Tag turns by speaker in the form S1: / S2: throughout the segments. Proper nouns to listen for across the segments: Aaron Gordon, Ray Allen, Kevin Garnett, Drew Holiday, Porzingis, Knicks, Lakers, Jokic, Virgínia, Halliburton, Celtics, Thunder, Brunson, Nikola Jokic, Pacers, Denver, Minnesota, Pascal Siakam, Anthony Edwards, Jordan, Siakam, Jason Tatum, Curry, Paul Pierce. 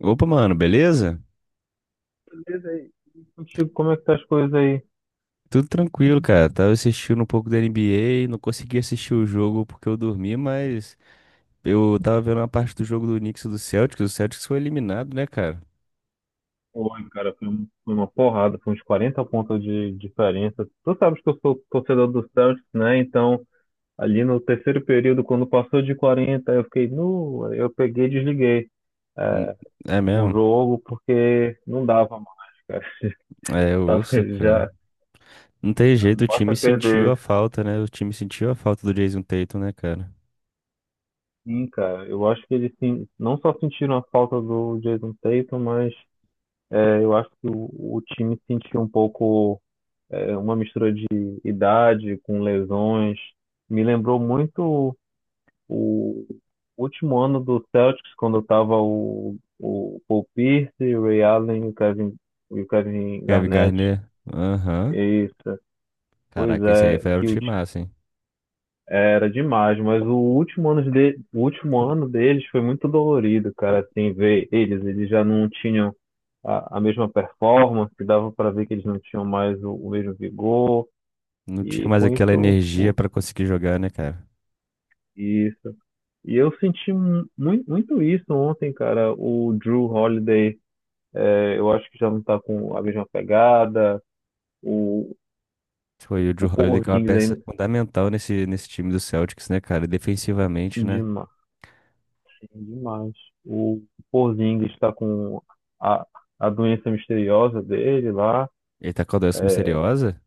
S1: Opa, mano, beleza?
S2: Beleza aí. E contigo, como é que tá as coisas aí?
S1: Tudo tranquilo, cara. Tava assistindo um pouco da NBA, não consegui assistir o jogo porque eu dormi, mas eu tava vendo uma parte do jogo do Knicks e do Celtics. O Celtics foi eliminado, né, cara?
S2: Oi, cara, foi uma porrada, foi uns 40 pontos de diferença. Tu sabes que eu sou torcedor do Celtics, né? Então, ali no terceiro período, quando passou de 40 eu fiquei nu, aí eu peguei e desliguei
S1: N- É
S2: o
S1: mesmo?
S2: jogo porque não dava mais, cara.
S1: É, eu
S2: Tava
S1: ouço, cara.
S2: já,
S1: Não tem
S2: não
S1: jeito, o
S2: basta
S1: time sentiu a
S2: perder.
S1: falta, né? O time sentiu a falta do Jason Tatum, né, cara?
S2: Sim, cara, eu acho que eles sim, não só sentiram a falta do Jason Tatum, mas eu acho que o time sentiu um pouco uma mistura de idade com lesões. Me lembrou muito o último ano do Celtics, quando estava o Paul Pierce, o Ray Allen e o Kevin
S1: Kevin
S2: Garnett.
S1: Garnett? Aham.
S2: Isso, pois
S1: Caraca,
S2: é,
S1: era um
S2: que
S1: time massa, hein?
S2: era demais, mas o último ano deles foi muito dolorido, cara, assim, ver eles já não tinham a mesma performance, dava para ver que eles não tinham mais o mesmo vigor,
S1: Não tinha
S2: e
S1: mais
S2: com
S1: aquela
S2: isso
S1: energia
S2: o.
S1: pra conseguir jogar, né, cara?
S2: Isso. E eu senti muito isso ontem, cara. O Drew Holiday, eu acho que já não tá com a mesma pegada. O,
S1: Foi o Drew
S2: o
S1: Holiday, que é uma
S2: Porzingis é
S1: peça fundamental nesse time do Celtics, né, cara? Defensivamente, né?
S2: demais, demais. O Porzingis está com a, a doença misteriosa dele lá.
S1: Ele tá com a doença misteriosa?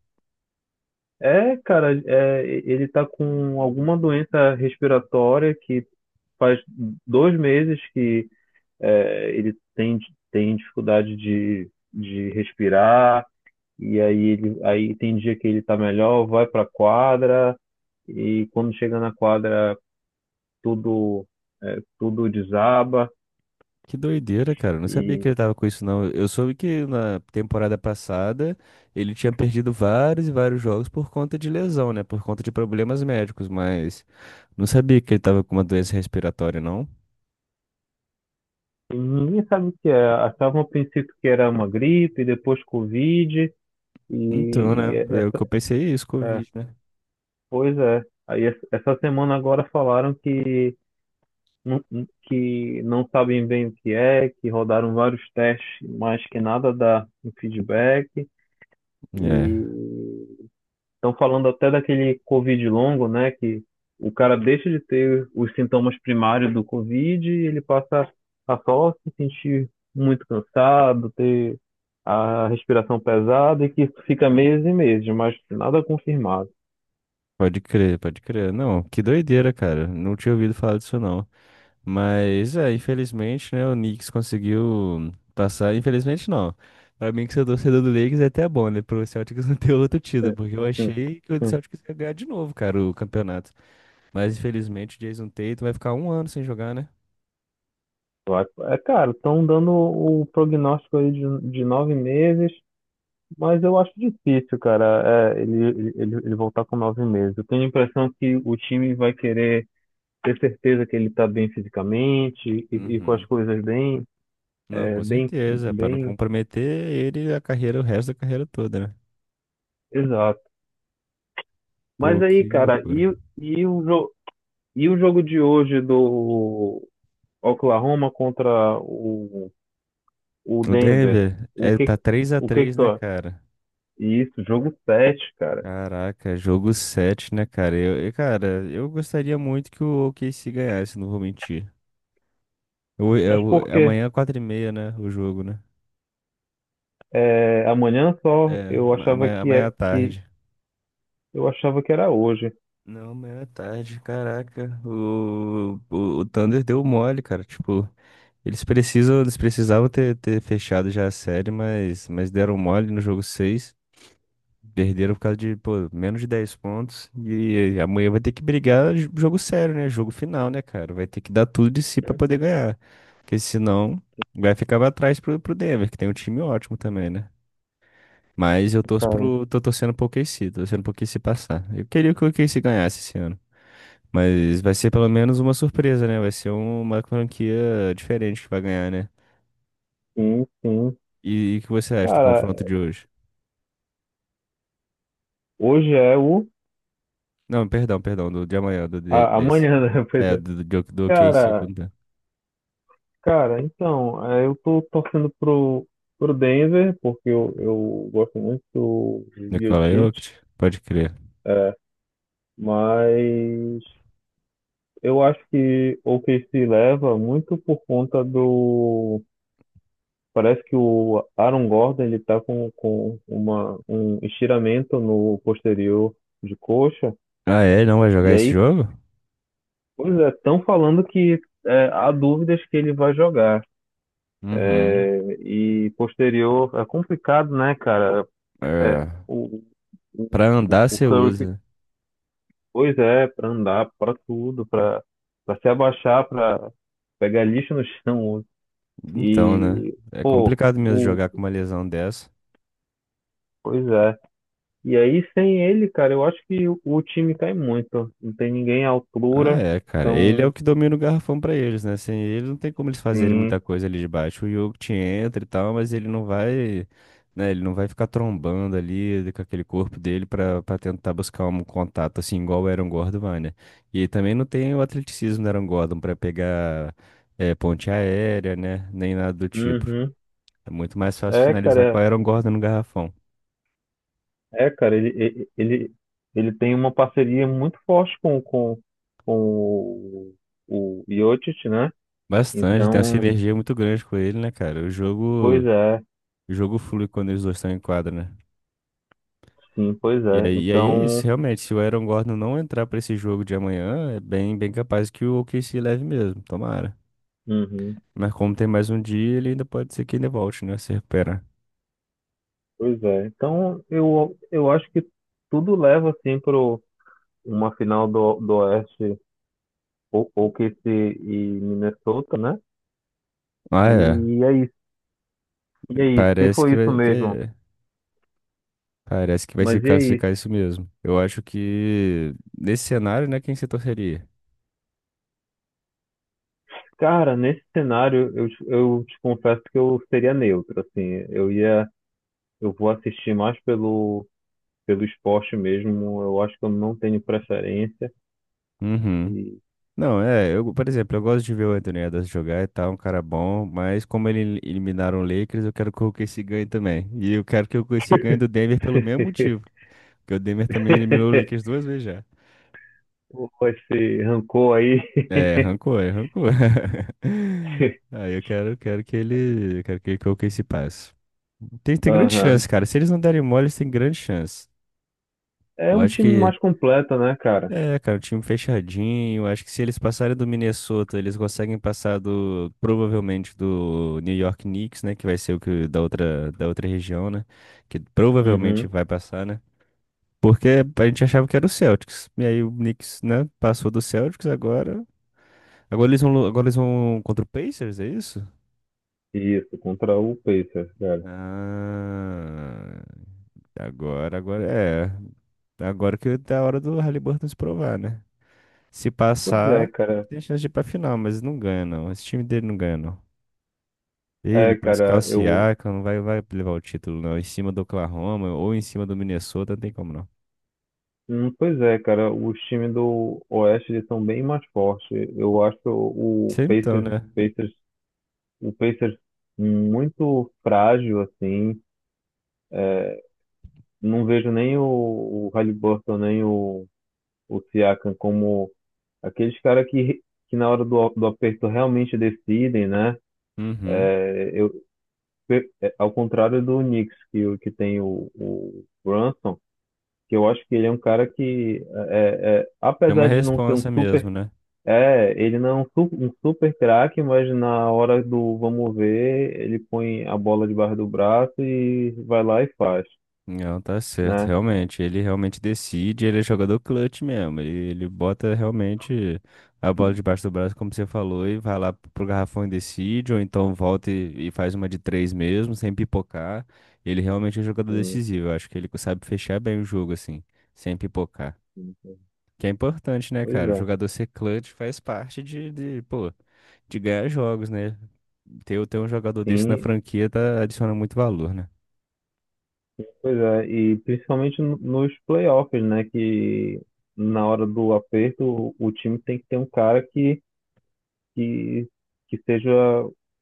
S2: É, cara, ele tá com alguma doença respiratória que faz 2 meses que ele tem dificuldade de respirar. Aí tem dia que ele tá melhor, vai pra quadra, e quando chega na quadra tudo tudo desaba
S1: Que doideira, cara. Eu não sabia que
S2: e,
S1: ele tava com isso, não. Eu soube que na temporada passada ele tinha perdido vários e vários jogos por conta de lesão, né? Por conta de problemas médicos, mas não sabia que ele tava com uma doença respiratória, não.
S2: e ninguém sabe o que é. Achavam no princípio que era uma gripe, depois Covid,
S1: Então, né?
S2: e é,
S1: É o que eu pensei, é isso,
S2: é,
S1: Covid, né?
S2: pois é. Aí essa semana agora falaram não, que não sabem bem o que é, que rodaram vários testes, mas que nada dá um feedback.
S1: É,
S2: E estão falando até daquele Covid longo, né? Que o cara deixa de ter os sintomas primários do Covid e ele passa a só se sentir muito cansado, ter a respiração pesada e que isso fica meses e meses, mas nada confirmado.
S1: pode crer, pode crer. Não, que doideira, cara. Não tinha ouvido falar disso, não. Mas é, infelizmente, né, o Knicks conseguiu passar. Infelizmente não. Pra mim que sou torcedor do Lakers é até bom, né? Pro Celtics não ter outro
S2: É,
S1: título, porque eu
S2: sim,
S1: achei que o
S2: sim.
S1: Celtics ia ganhar de novo, cara, o campeonato. Mas infelizmente o Jason Tatum vai ficar um ano sem jogar, né?
S2: É, cara, estão dando o prognóstico aí de 9 meses, mas eu acho difícil, cara, ele voltar com 9 meses. Eu tenho a impressão que o time vai querer ter certeza que ele está bem fisicamente e com as
S1: Uhum.
S2: coisas bem,
S1: Não,
S2: é,
S1: com
S2: bem,
S1: certeza, pra não
S2: bem,
S1: comprometer ele e a carreira, o resto da carreira toda, né?
S2: exato. Mas
S1: Pô,
S2: aí,
S1: que
S2: cara,
S1: loucura.
S2: e o jogo de hoje do Oklahoma contra o
S1: O
S2: Denver?
S1: Denver
S2: O
S1: é,
S2: que,
S1: tá três a
S2: o que que
S1: três
S2: tu
S1: né,
S2: acha?
S1: cara?
S2: Isso, jogo 7, cara.
S1: Caraca, jogo 7, né, cara? Cara, eu gostaria muito que o OKC ganhasse, não vou mentir. Eu,
S2: Mas
S1: eu,
S2: por quê?
S1: amanhã, é 4:30, né? O jogo, né?
S2: É, amanhã só,
S1: É, ama- amanhã, amanhã à tarde.
S2: eu achava que era hoje.
S1: Não, amanhã à tarde, caraca. O Thunder deu mole, cara. Tipo, eles precisam, eles precisavam ter fechado já a série, mas deram mole no jogo 6. Perderam por causa de, pô, menos de 10 pontos. E amanhã vai ter que brigar jogo sério, né? Jogo final, né, cara? Vai ter que dar tudo de si pra poder ganhar. Porque senão vai ficar pra trás pro Denver, que tem um time ótimo também, né? Mas eu torço
S2: Cara,
S1: pro, tô torcendo pro OKC, tô torcendo pro OKC passar. Eu queria que o OKC ganhasse esse ano. Mas vai ser pelo menos uma surpresa, né? Vai ser uma franquia diferente que vai ganhar, né?
S2: sim, sim.
S1: E o que você acha do
S2: Cara,
S1: confronto de hoje?
S2: hoje é o.
S1: Não, perdão, perdão, do de amanhã, desse.
S2: Amanhã, né? Pois
S1: É,
S2: é.
S1: do KC
S2: Cara,
S1: contra
S2: Cara, então, eu tô torcendo pro Denver, porque eu gosto muito do
S1: Nikola
S2: Jokic,
S1: Jokic, pode crer.
S2: é, mas eu acho que o OKC leva muito por conta do. Parece que o Aaron Gordon, ele tá com um estiramento no posterior de coxa,
S1: Ah, é? Não vai jogar
S2: e
S1: esse
S2: aí,
S1: jogo?
S2: pois é, estão falando que há dúvidas que ele vai jogar.
S1: Uhum.
S2: É, e posterior, é complicado, né, cara? É,
S1: É,
S2: o,
S1: pra
S2: o
S1: andar
S2: o
S1: você
S2: Curry,
S1: usa.
S2: pois é, pra andar, pra tudo, pra se abaixar, pra pegar lixo no chão.
S1: Então, né?
S2: E,
S1: É
S2: pô,
S1: complicado mesmo jogar com uma lesão dessa.
S2: pois é. E aí, sem ele, cara, eu acho que o time cai muito. Não tem ninguém à
S1: Ah,
S2: altura.
S1: é, cara. Ele é o
S2: Então,
S1: que domina o garrafão pra eles, né? Sem ele não tem como eles fazerem muita
S2: sim.
S1: coisa ali de baixo. O Jokic entra e tal, mas ele não vai, né? Ele não vai ficar trombando ali com aquele corpo dele pra tentar buscar um contato assim igual o Aaron Gordon vai, né? E também não tem o atleticismo do Aaron Gordon pra pegar ponte aérea, né? Nem nada do tipo.
S2: Uhum.
S1: É muito mais fácil
S2: É,
S1: finalizar com
S2: cara,
S1: o Aaron Gordon no garrafão.
S2: é, cara, ele, ele, ele ele tem uma parceria muito forte com o, o Jokic, né?
S1: Bastante, tem uma
S2: Então,
S1: sinergia muito grande com ele, né, cara? O
S2: pois
S1: jogo,
S2: é.
S1: o jogo flui quando eles dois estão em quadra, né?
S2: Sim, pois
S1: E
S2: é.
S1: aí, e aí é isso,
S2: Então,
S1: realmente, se o Aaron Gordon não entrar pra esse jogo de amanhã, é bem, bem capaz que o OKC leve mesmo, tomara.
S2: uhum,
S1: Mas como tem mais um dia, ele ainda pode ser que ainda volte, né, se recuperar.
S2: pois é. Então, eu acho que tudo leva assim para uma final do Oeste, ou que se e Minnesota, né?
S1: Ah, é,
S2: E é isso. E é isso. Se
S1: parece que
S2: foi isso
S1: vai,
S2: mesmo.
S1: parece que vai se
S2: Mas e é
S1: classificar
S2: isso.
S1: isso mesmo. Eu acho que nesse cenário, né, quem você torceria?
S2: Cara, nesse cenário, eu te confesso que eu seria neutro, assim. Eu ia, eu vou assistir mais pelo esporte mesmo. Eu acho que eu não tenho preferência.
S1: Uhum.
S2: E.
S1: Não, é, eu, por exemplo, eu gosto de ver o Anthony Edwards jogar e tal, um cara bom, mas como ele eliminaram o Lakers, eu quero que o OKC ganhe também. E eu quero que o OKC ganhe do Denver pelo mesmo motivo. Porque o Denver também eliminou o Lakers duas vezes já.
S2: Pô, esse rancor aí.
S1: É, arrancou, é, arrancou. Aí eu quero que ele, eu quero que o OKC passe. Tem grande
S2: Aham.
S1: chance, cara. Se eles não derem mole, eles têm grande chance.
S2: É
S1: Eu
S2: um
S1: acho
S2: time
S1: que,
S2: mais completo, né, cara?
S1: é, cara, o time fechadinho. Eu acho que se eles passarem do Minnesota, eles conseguem passar do, provavelmente do New York Knicks, né? Que vai ser o que da outra região, né? Que provavelmente
S2: Uhum.
S1: vai passar, né? Porque a gente achava que era o Celtics. E aí o Knicks, né? Passou do Celtics agora. Agora eles vão contra o Pacers, é isso?
S2: Isso, contra o Pacers, cara.
S1: Ah, agora é. Agora que tá a hora do Halliburton se provar, né? Se
S2: Pois é,
S1: passar, ele
S2: cara.
S1: tem chance de ir pra final, mas não ganha, não. Esse time dele não ganha, não. Ele,
S2: É,
S1: Pascal
S2: cara, eu.
S1: Siakam, não vai, vai levar o título, não. Em cima do Oklahoma ou em cima do Minnesota, não tem como, não.
S2: Pois é, cara, os times do Oeste eles são bem mais fortes. Eu acho o
S1: Sempre então, né?
S2: Pacers, Pacers muito frágil, assim. Não vejo nem o Halliburton, nem o Siakam como aqueles caras que na hora do aperto realmente decidem, né?
S1: Uhum.
S2: Eu, Ao contrário do Knicks, que tem o Brunson, que eu acho que ele é um cara que,
S1: É uma
S2: apesar de não ser um
S1: responsa
S2: super.
S1: mesmo, né?
S2: É, ele não é um super craque, mas na hora do vamos ver, ele põe a bola debaixo do braço e vai lá e faz,
S1: Não, tá certo,
S2: né?
S1: realmente. Ele realmente decide, ele é jogador clutch mesmo. Ele bota realmente a bola debaixo do braço, como você falou, e vai lá pro garrafão e decide, ou então volta e faz uma de três mesmo, sem pipocar. Ele realmente é um jogador
S2: Sim,
S1: decisivo. Eu acho que ele sabe fechar bem o jogo, assim, sem pipocar.
S2: sim, sim.
S1: Que é importante, né,
S2: Pois
S1: cara? O
S2: é.
S1: jogador ser clutch faz parte de, pô, de ganhar jogos, né? Ter um jogador desse na
S2: Sim,
S1: franquia tá, adiciona muito valor, né?
S2: pois é, e principalmente nos playoffs, né? Que na hora do aperto, o time tem que ter um cara que, que seja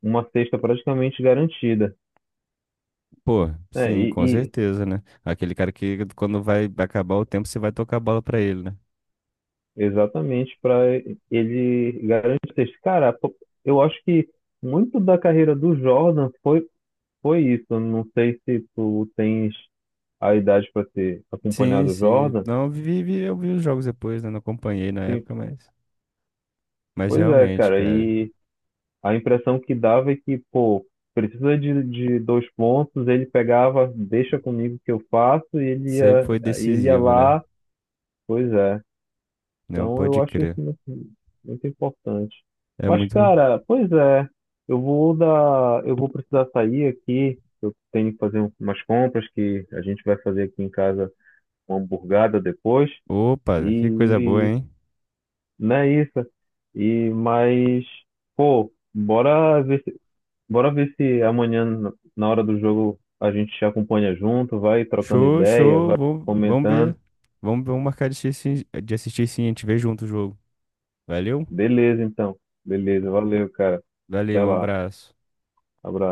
S2: uma cesta praticamente garantida.
S1: Pô,
S2: É,
S1: sim,
S2: e,
S1: com
S2: e
S1: certeza, né? Aquele cara que quando vai acabar o tempo, você vai tocar a bola pra ele, né?
S2: exatamente para ele garantir a cesta. Cara, pô, eu acho que muito da carreira do Jordan foi, isso. Eu não sei se tu tens a idade para ter
S1: Sim,
S2: acompanhado o
S1: sim.
S2: Jordan.
S1: Não, eu vi os jogos depois, né? Não acompanhei na
S2: Sim,
S1: época, mas. Mas
S2: pois é,
S1: realmente,
S2: cara.
S1: cara,
S2: E a impressão que dava é que, pô, precisa de dois pontos, ele pegava, deixa comigo que eu faço, e ele
S1: sempre
S2: ia,
S1: foi
S2: aí ele ia
S1: decisivo, né?
S2: lá, pois é.
S1: Não
S2: Então eu
S1: pode
S2: acho isso
S1: crer.
S2: muito, muito importante.
S1: É
S2: Mas,
S1: muito.
S2: cara, pois é, eu vou precisar sair aqui, eu tenho que fazer umas compras que a gente vai fazer aqui em casa uma hamburgada depois,
S1: Opa, que coisa boa,
S2: e
S1: hein?
S2: não é isso. E, mas, pô, bora ver se amanhã, na hora do jogo, a gente se acompanha junto, vai trocando
S1: Show,
S2: ideia,
S1: show.
S2: vai
S1: Vamos, vamos
S2: comentando.
S1: ver. Vamos, vamos marcar de assistir, sim. A gente vê junto o jogo. Valeu?
S2: Beleza, então. Beleza, valeu, cara.
S1: Valeu,
S2: Até
S1: um
S2: lá.
S1: abraço.
S2: Abraço.